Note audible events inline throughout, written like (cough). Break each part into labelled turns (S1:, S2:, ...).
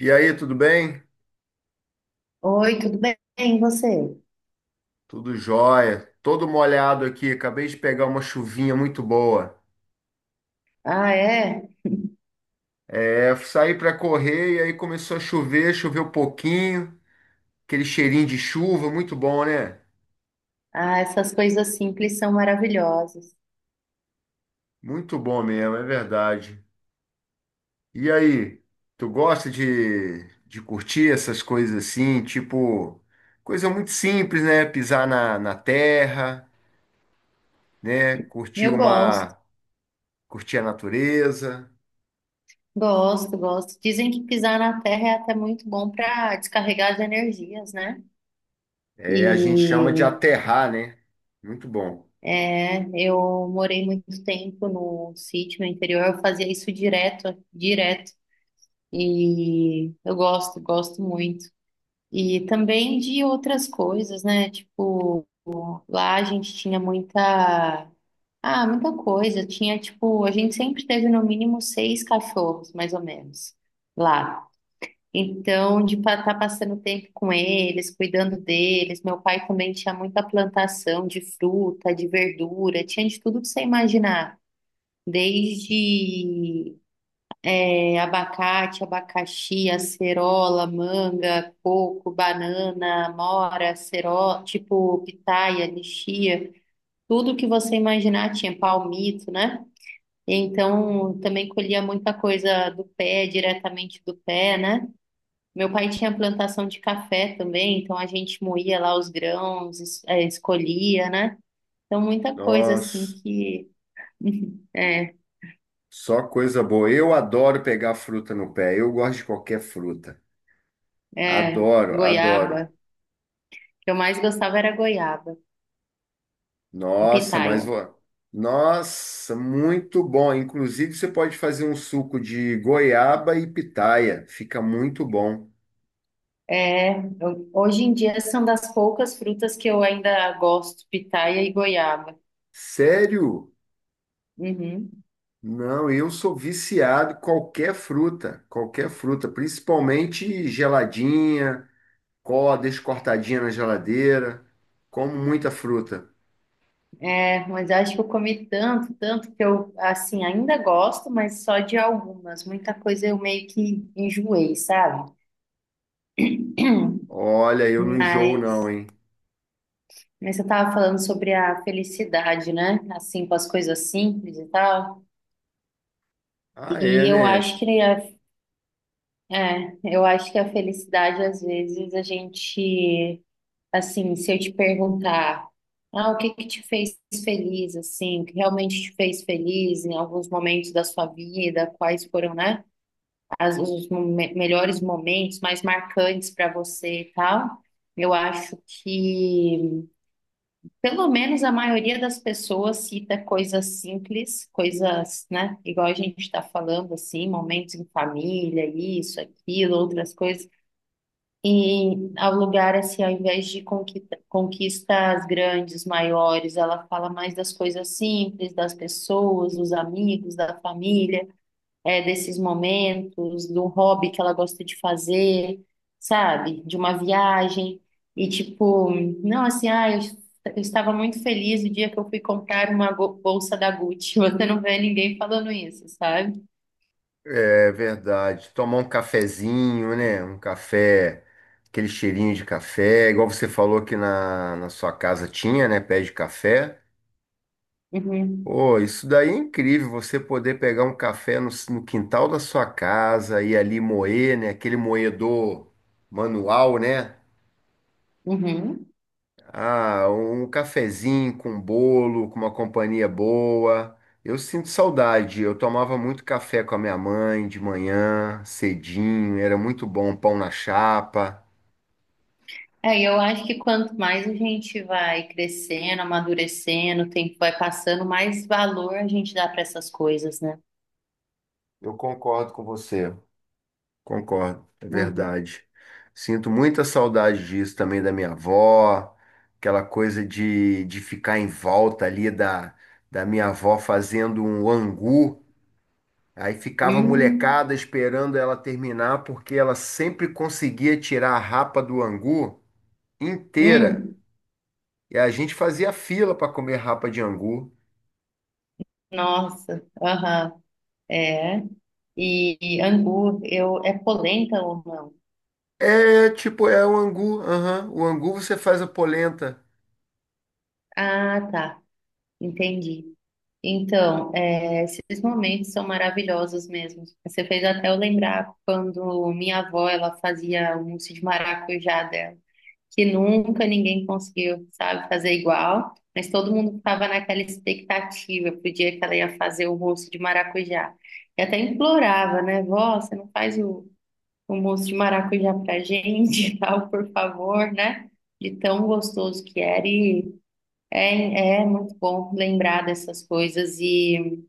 S1: E aí, tudo bem?
S2: Oi, tudo bem? E você?
S1: Tudo jóia. Todo molhado aqui. Acabei de pegar uma chuvinha muito boa.
S2: Ah, é?
S1: É, saí para correr e aí começou a chover, choveu um pouquinho. Aquele cheirinho de chuva, muito bom, né?
S2: Ah, essas coisas simples são maravilhosas.
S1: Muito bom mesmo, é verdade. E aí, tu gosta de curtir essas coisas assim? Tipo, coisa muito simples, né? Pisar na terra, né? Curtir
S2: Eu gosto,
S1: uma, curtir a natureza.
S2: gosto. Dizem que pisar na terra é até muito bom para descarregar as energias, né?
S1: É, a gente chama de
S2: E
S1: aterrar, né? Muito bom.
S2: eu morei muito tempo no sítio, no interior, eu fazia isso direto. E eu gosto, gosto muito. E também de outras coisas, né? Tipo, lá a gente tinha muita. Ah, muita coisa. Tinha, tipo, a gente sempre teve no mínimo seis cachorros, mais ou menos, lá. Então, de estar passando tempo com eles, cuidando deles. Meu pai também tinha muita plantação de fruta, de verdura, tinha de tudo que você imaginar. Desde é, abacate, abacaxi, acerola, manga, coco, banana, amora, acerola, tipo, pitaia, lixia. Tudo que você imaginar, tinha palmito, né? Então também colhia muita coisa do pé, diretamente do pé, né? Meu pai tinha plantação de café também, então a gente moía lá os grãos, escolhia, né? Então muita coisa assim
S1: Nossa,
S2: que (laughs) é,
S1: só coisa boa. Eu adoro pegar fruta no pé. Eu gosto de qualquer fruta.
S2: é,
S1: Adoro, adoro.
S2: goiaba. O que eu mais gostava era goiaba e
S1: Nossa, mas
S2: pitaia.
S1: vou. Nossa, muito bom. Inclusive, você pode fazer um suco de goiaba e pitaia. Fica muito bom.
S2: É, hoje em dia são das poucas frutas que eu ainda gosto, pitaia e goiaba.
S1: Sério?
S2: Uhum.
S1: Não, eu sou viciado em qualquer fruta, principalmente geladinha, deixo cortadinha na geladeira. Como muita fruta.
S2: É, mas eu acho que eu comi tanto, tanto que eu, assim, ainda gosto, mas só de algumas. Muita coisa eu meio que enjoei, sabe?
S1: Olha, eu não enjoo não,
S2: Mas,
S1: hein?
S2: você estava falando sobre a felicidade, né? Assim, com as coisas simples e tal.
S1: Ah, é,
S2: E eu
S1: né?
S2: acho que eu acho que a felicidade, às vezes, a gente, assim, se eu te perguntar, ah, o que que te fez feliz, assim, o que realmente te fez feliz em alguns momentos da sua vida, quais foram, né? Melhores momentos mais marcantes para você e tal. Eu acho que pelo menos a maioria das pessoas cita coisas simples, coisas, né? Igual a gente está falando, assim, momentos em família, isso, aquilo, outras coisas. E ao lugar, assim, ao invés de conquistas grandes, maiores, ela fala mais das coisas simples, das pessoas, dos amigos, da família, é, desses momentos, do hobby que ela gosta de fazer, sabe? De uma viagem. E tipo, não, assim, ah, eu estava muito feliz o dia que eu fui comprar uma bolsa da Gucci. (laughs) Você não vê ninguém falando isso, sabe?
S1: É verdade. Tomar um cafezinho, né? Um café, aquele cheirinho de café, igual você falou que na sua casa tinha, né? Pé de café.
S2: Uhum.
S1: Pô, isso daí é incrível, você poder pegar um café no quintal da sua casa e ali moer, né? Aquele moedor manual, né?
S2: Uhum.
S1: Ah, um cafezinho com bolo, com uma companhia boa. Eu sinto saudade. Eu tomava muito café com a minha mãe de manhã, cedinho, era muito bom, pão na chapa.
S2: É, e eu acho que quanto mais a gente vai crescendo, amadurecendo, o tempo vai passando, mais valor a gente dá para essas coisas, né?
S1: Eu concordo com você. Concordo, é
S2: Uhum.
S1: verdade. Sinto muita saudade disso também da minha avó, aquela coisa de ficar em volta ali da minha avó fazendo um angu. Aí ficava a
S2: Hum,
S1: molecada esperando ela terminar, porque ela sempre conseguia tirar a rapa do angu inteira.
S2: hum.
S1: E a gente fazia fila para comer rapa de angu.
S2: Nossa, aham. É. E, angu, eu, é polenta ou não?
S1: É, tipo, é o angu. Aham. O angu você faz a polenta.
S2: Ah, tá, entendi. Então, é, esses momentos são maravilhosos mesmo. Você fez até eu lembrar quando minha avó, ela fazia o mousse de maracujá dela, que nunca ninguém conseguiu, sabe, fazer igual, mas todo mundo estava naquela expectativa pro dia que ela ia fazer o mousse de maracujá. E até implorava, né, vó, você não faz o um moço de maracujá pra gente e (laughs) tal, por favor, né? De tão gostoso que era. E é, é muito bom lembrar dessas coisas. E,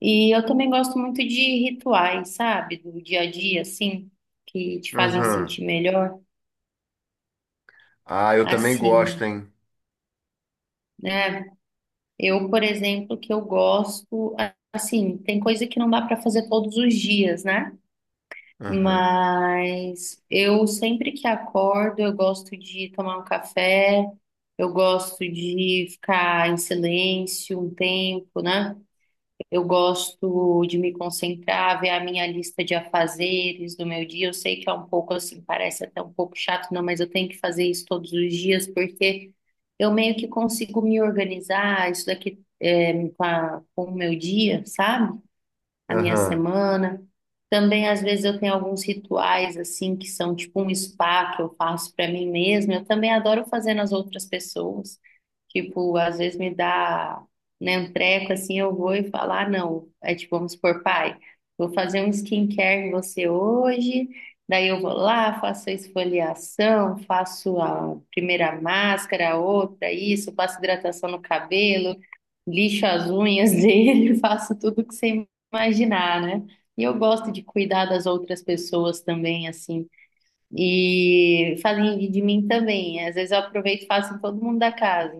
S2: e eu também gosto muito de rituais, sabe? Do dia a dia, assim, que te fazem
S1: Aham.
S2: sentir melhor,
S1: Ah, eu também gosto,
S2: assim,
S1: hein?
S2: né? Eu, por exemplo, que eu gosto, assim, tem coisa que não dá pra fazer todos os dias, né?
S1: Aham.
S2: Mas eu sempre que acordo, eu gosto de tomar um café, eu gosto de ficar em silêncio um tempo, né? Eu gosto de me concentrar, ver a minha lista de afazeres do meu dia. Eu sei que é um pouco assim, parece até um pouco chato, não, mas eu tenho que fazer isso todos os dias porque eu meio que consigo me organizar, isso daqui é, com o meu dia, sabe? A minha
S1: Aham.
S2: semana. Também, às vezes, eu tenho alguns rituais, assim, que são tipo um spa que eu faço para mim mesma. Eu também adoro fazer nas outras pessoas. Tipo, às vezes me dá, né, um treco, assim, eu vou e falo, ah, não. É tipo, vamos supor, pai, vou fazer um skincare em você hoje. Daí eu vou lá, faço a esfoliação, faço a primeira máscara, a outra, isso, faço hidratação no cabelo, lixo as unhas (laughs) dele, faço tudo que você imaginar, né? E eu gosto de cuidar das outras pessoas também, assim. E fazem de mim também. Às vezes eu aproveito e faço em todo mundo da casa.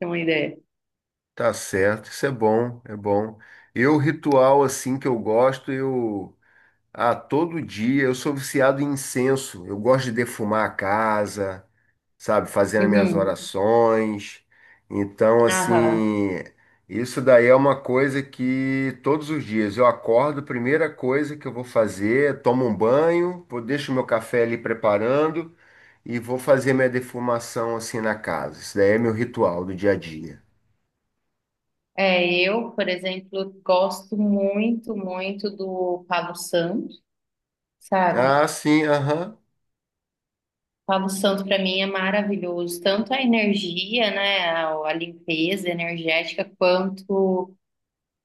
S2: Tem uma ideia.
S1: Tá certo. Isso é bom, é bom. Eu, ritual assim que eu gosto, eu. Ah, todo dia eu sou viciado em incenso. Eu gosto de defumar a casa. Sabe? Fazendo minhas
S2: Uhum.
S1: orações. Então,
S2: Aham.
S1: assim, isso daí é uma coisa que todos os dias eu acordo, a primeira coisa que eu vou fazer, é tomo um banho, vou, deixo meu café ali preparando e vou fazer minha defumação assim na casa. Isso daí é meu ritual do dia a dia.
S2: É, eu, por exemplo, gosto muito, muito do Palo Santo, sabe?
S1: Ah, sim, aham.
S2: Palo Santo para mim é maravilhoso, tanto a energia, né, a limpeza energética,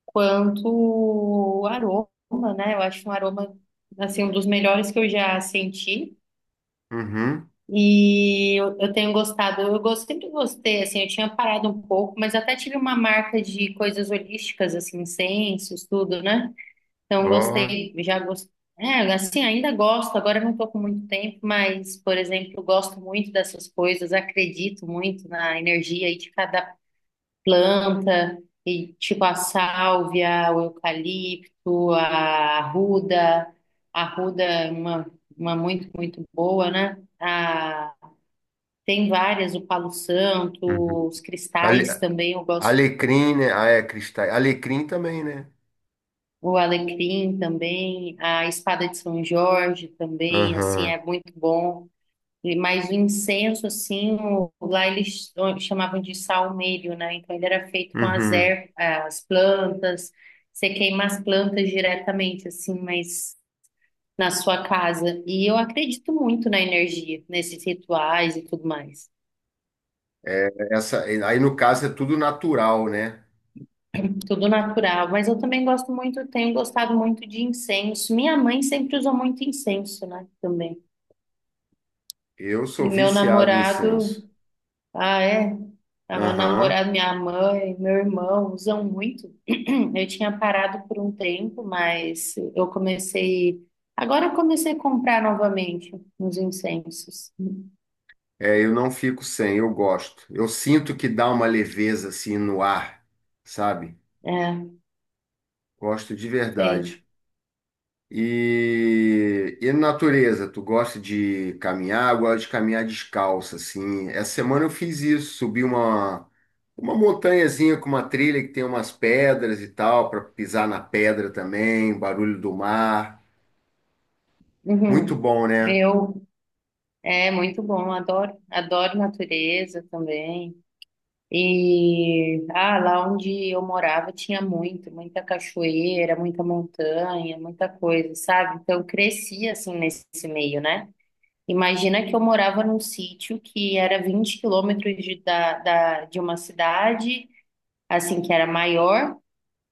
S2: quanto o aroma, né? Eu acho um aroma, assim, um dos melhores que eu já senti.
S1: Uhum.
S2: E eu, tenho gostado, eu gosto, sempre gostei, assim, eu tinha parado um pouco, mas até tive uma marca de coisas holísticas, assim, incensos, tudo, né? Então
S1: Ó.
S2: gostei, já gostei. É, assim, ainda gosto, agora eu não estou com muito tempo, mas, por exemplo, eu gosto muito dessas coisas, acredito muito na energia aí de cada planta, e tipo a sálvia, o eucalipto, a arruda. A arruda é uma muito, muito boa, né? A, tem várias, o palo santo,
S1: Uhum.
S2: os cristais
S1: Ale-
S2: também, eu gosto.
S1: Alecrim, né? Ah, é, cristal. Alecrim também, né?
S2: O alecrim também, a espada de São Jorge também, assim,
S1: Aham.
S2: é muito bom. Mas o incenso, assim, lá eles chamavam de salmério, né? Então ele era feito com as
S1: Uhum.
S2: ervas, as plantas, você queima as plantas diretamente, assim, mas na sua casa. E eu acredito muito na energia, nesses rituais e tudo mais.
S1: É essa, aí no caso é tudo natural, né?
S2: Tudo natural, mas eu também gosto muito, tenho gostado muito de incenso. Minha mãe sempre usou muito incenso, né? Também.
S1: Eu sou
S2: E meu
S1: viciado em
S2: namorado.
S1: incenso.
S2: Ah, é? Ah, meu
S1: Aham.
S2: namorado, minha mãe, meu irmão usam muito. (clears throat) Eu tinha parado por um tempo, mas eu comecei. Agora eu comecei a comprar novamente uns incensos.
S1: É, eu não fico sem, eu gosto. Eu sinto que dá uma leveza assim no ar, sabe?
S2: É,
S1: Gosto de
S2: sei.
S1: verdade. E natureza, tu gosta de caminhar? Eu gosto de caminhar descalço, assim. Essa semana eu fiz isso, subi uma montanhazinha com uma trilha que tem umas pedras e tal, para pisar na pedra também, barulho do mar. Muito
S2: Uhum.
S1: bom, né?
S2: Eu, é muito bom, adoro. Adoro natureza também. E ah, lá onde eu morava tinha muito, muita cachoeira, muita montanha, muita coisa, sabe? Então eu cresci assim nesse meio, né? Imagina que eu morava num sítio que era 20 km de uma cidade, assim, que era maior,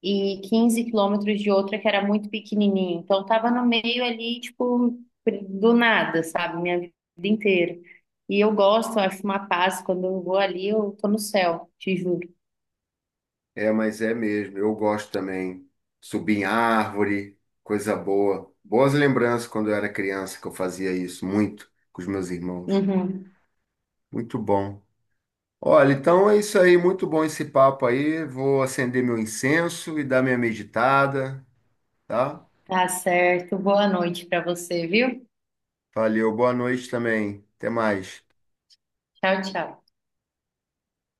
S2: e 15 km de outra que era muito pequenininha. Então, tava no meio ali, tipo, do nada, sabe? Minha vida inteira. E eu gosto, eu acho uma paz. Quando eu vou ali, eu tô no céu, te juro.
S1: É, mas é mesmo. Eu gosto também. Subir em árvore, coisa boa. Boas lembranças quando eu era criança que eu fazia isso muito com os meus irmãos.
S2: Uhum.
S1: Muito bom. Olha, então é isso aí. Muito bom esse papo aí. Vou acender meu incenso e dar minha meditada, tá?
S2: Tá certo. Boa noite pra você, viu?
S1: Valeu. Boa noite também. Até mais.
S2: Tchau, tchau.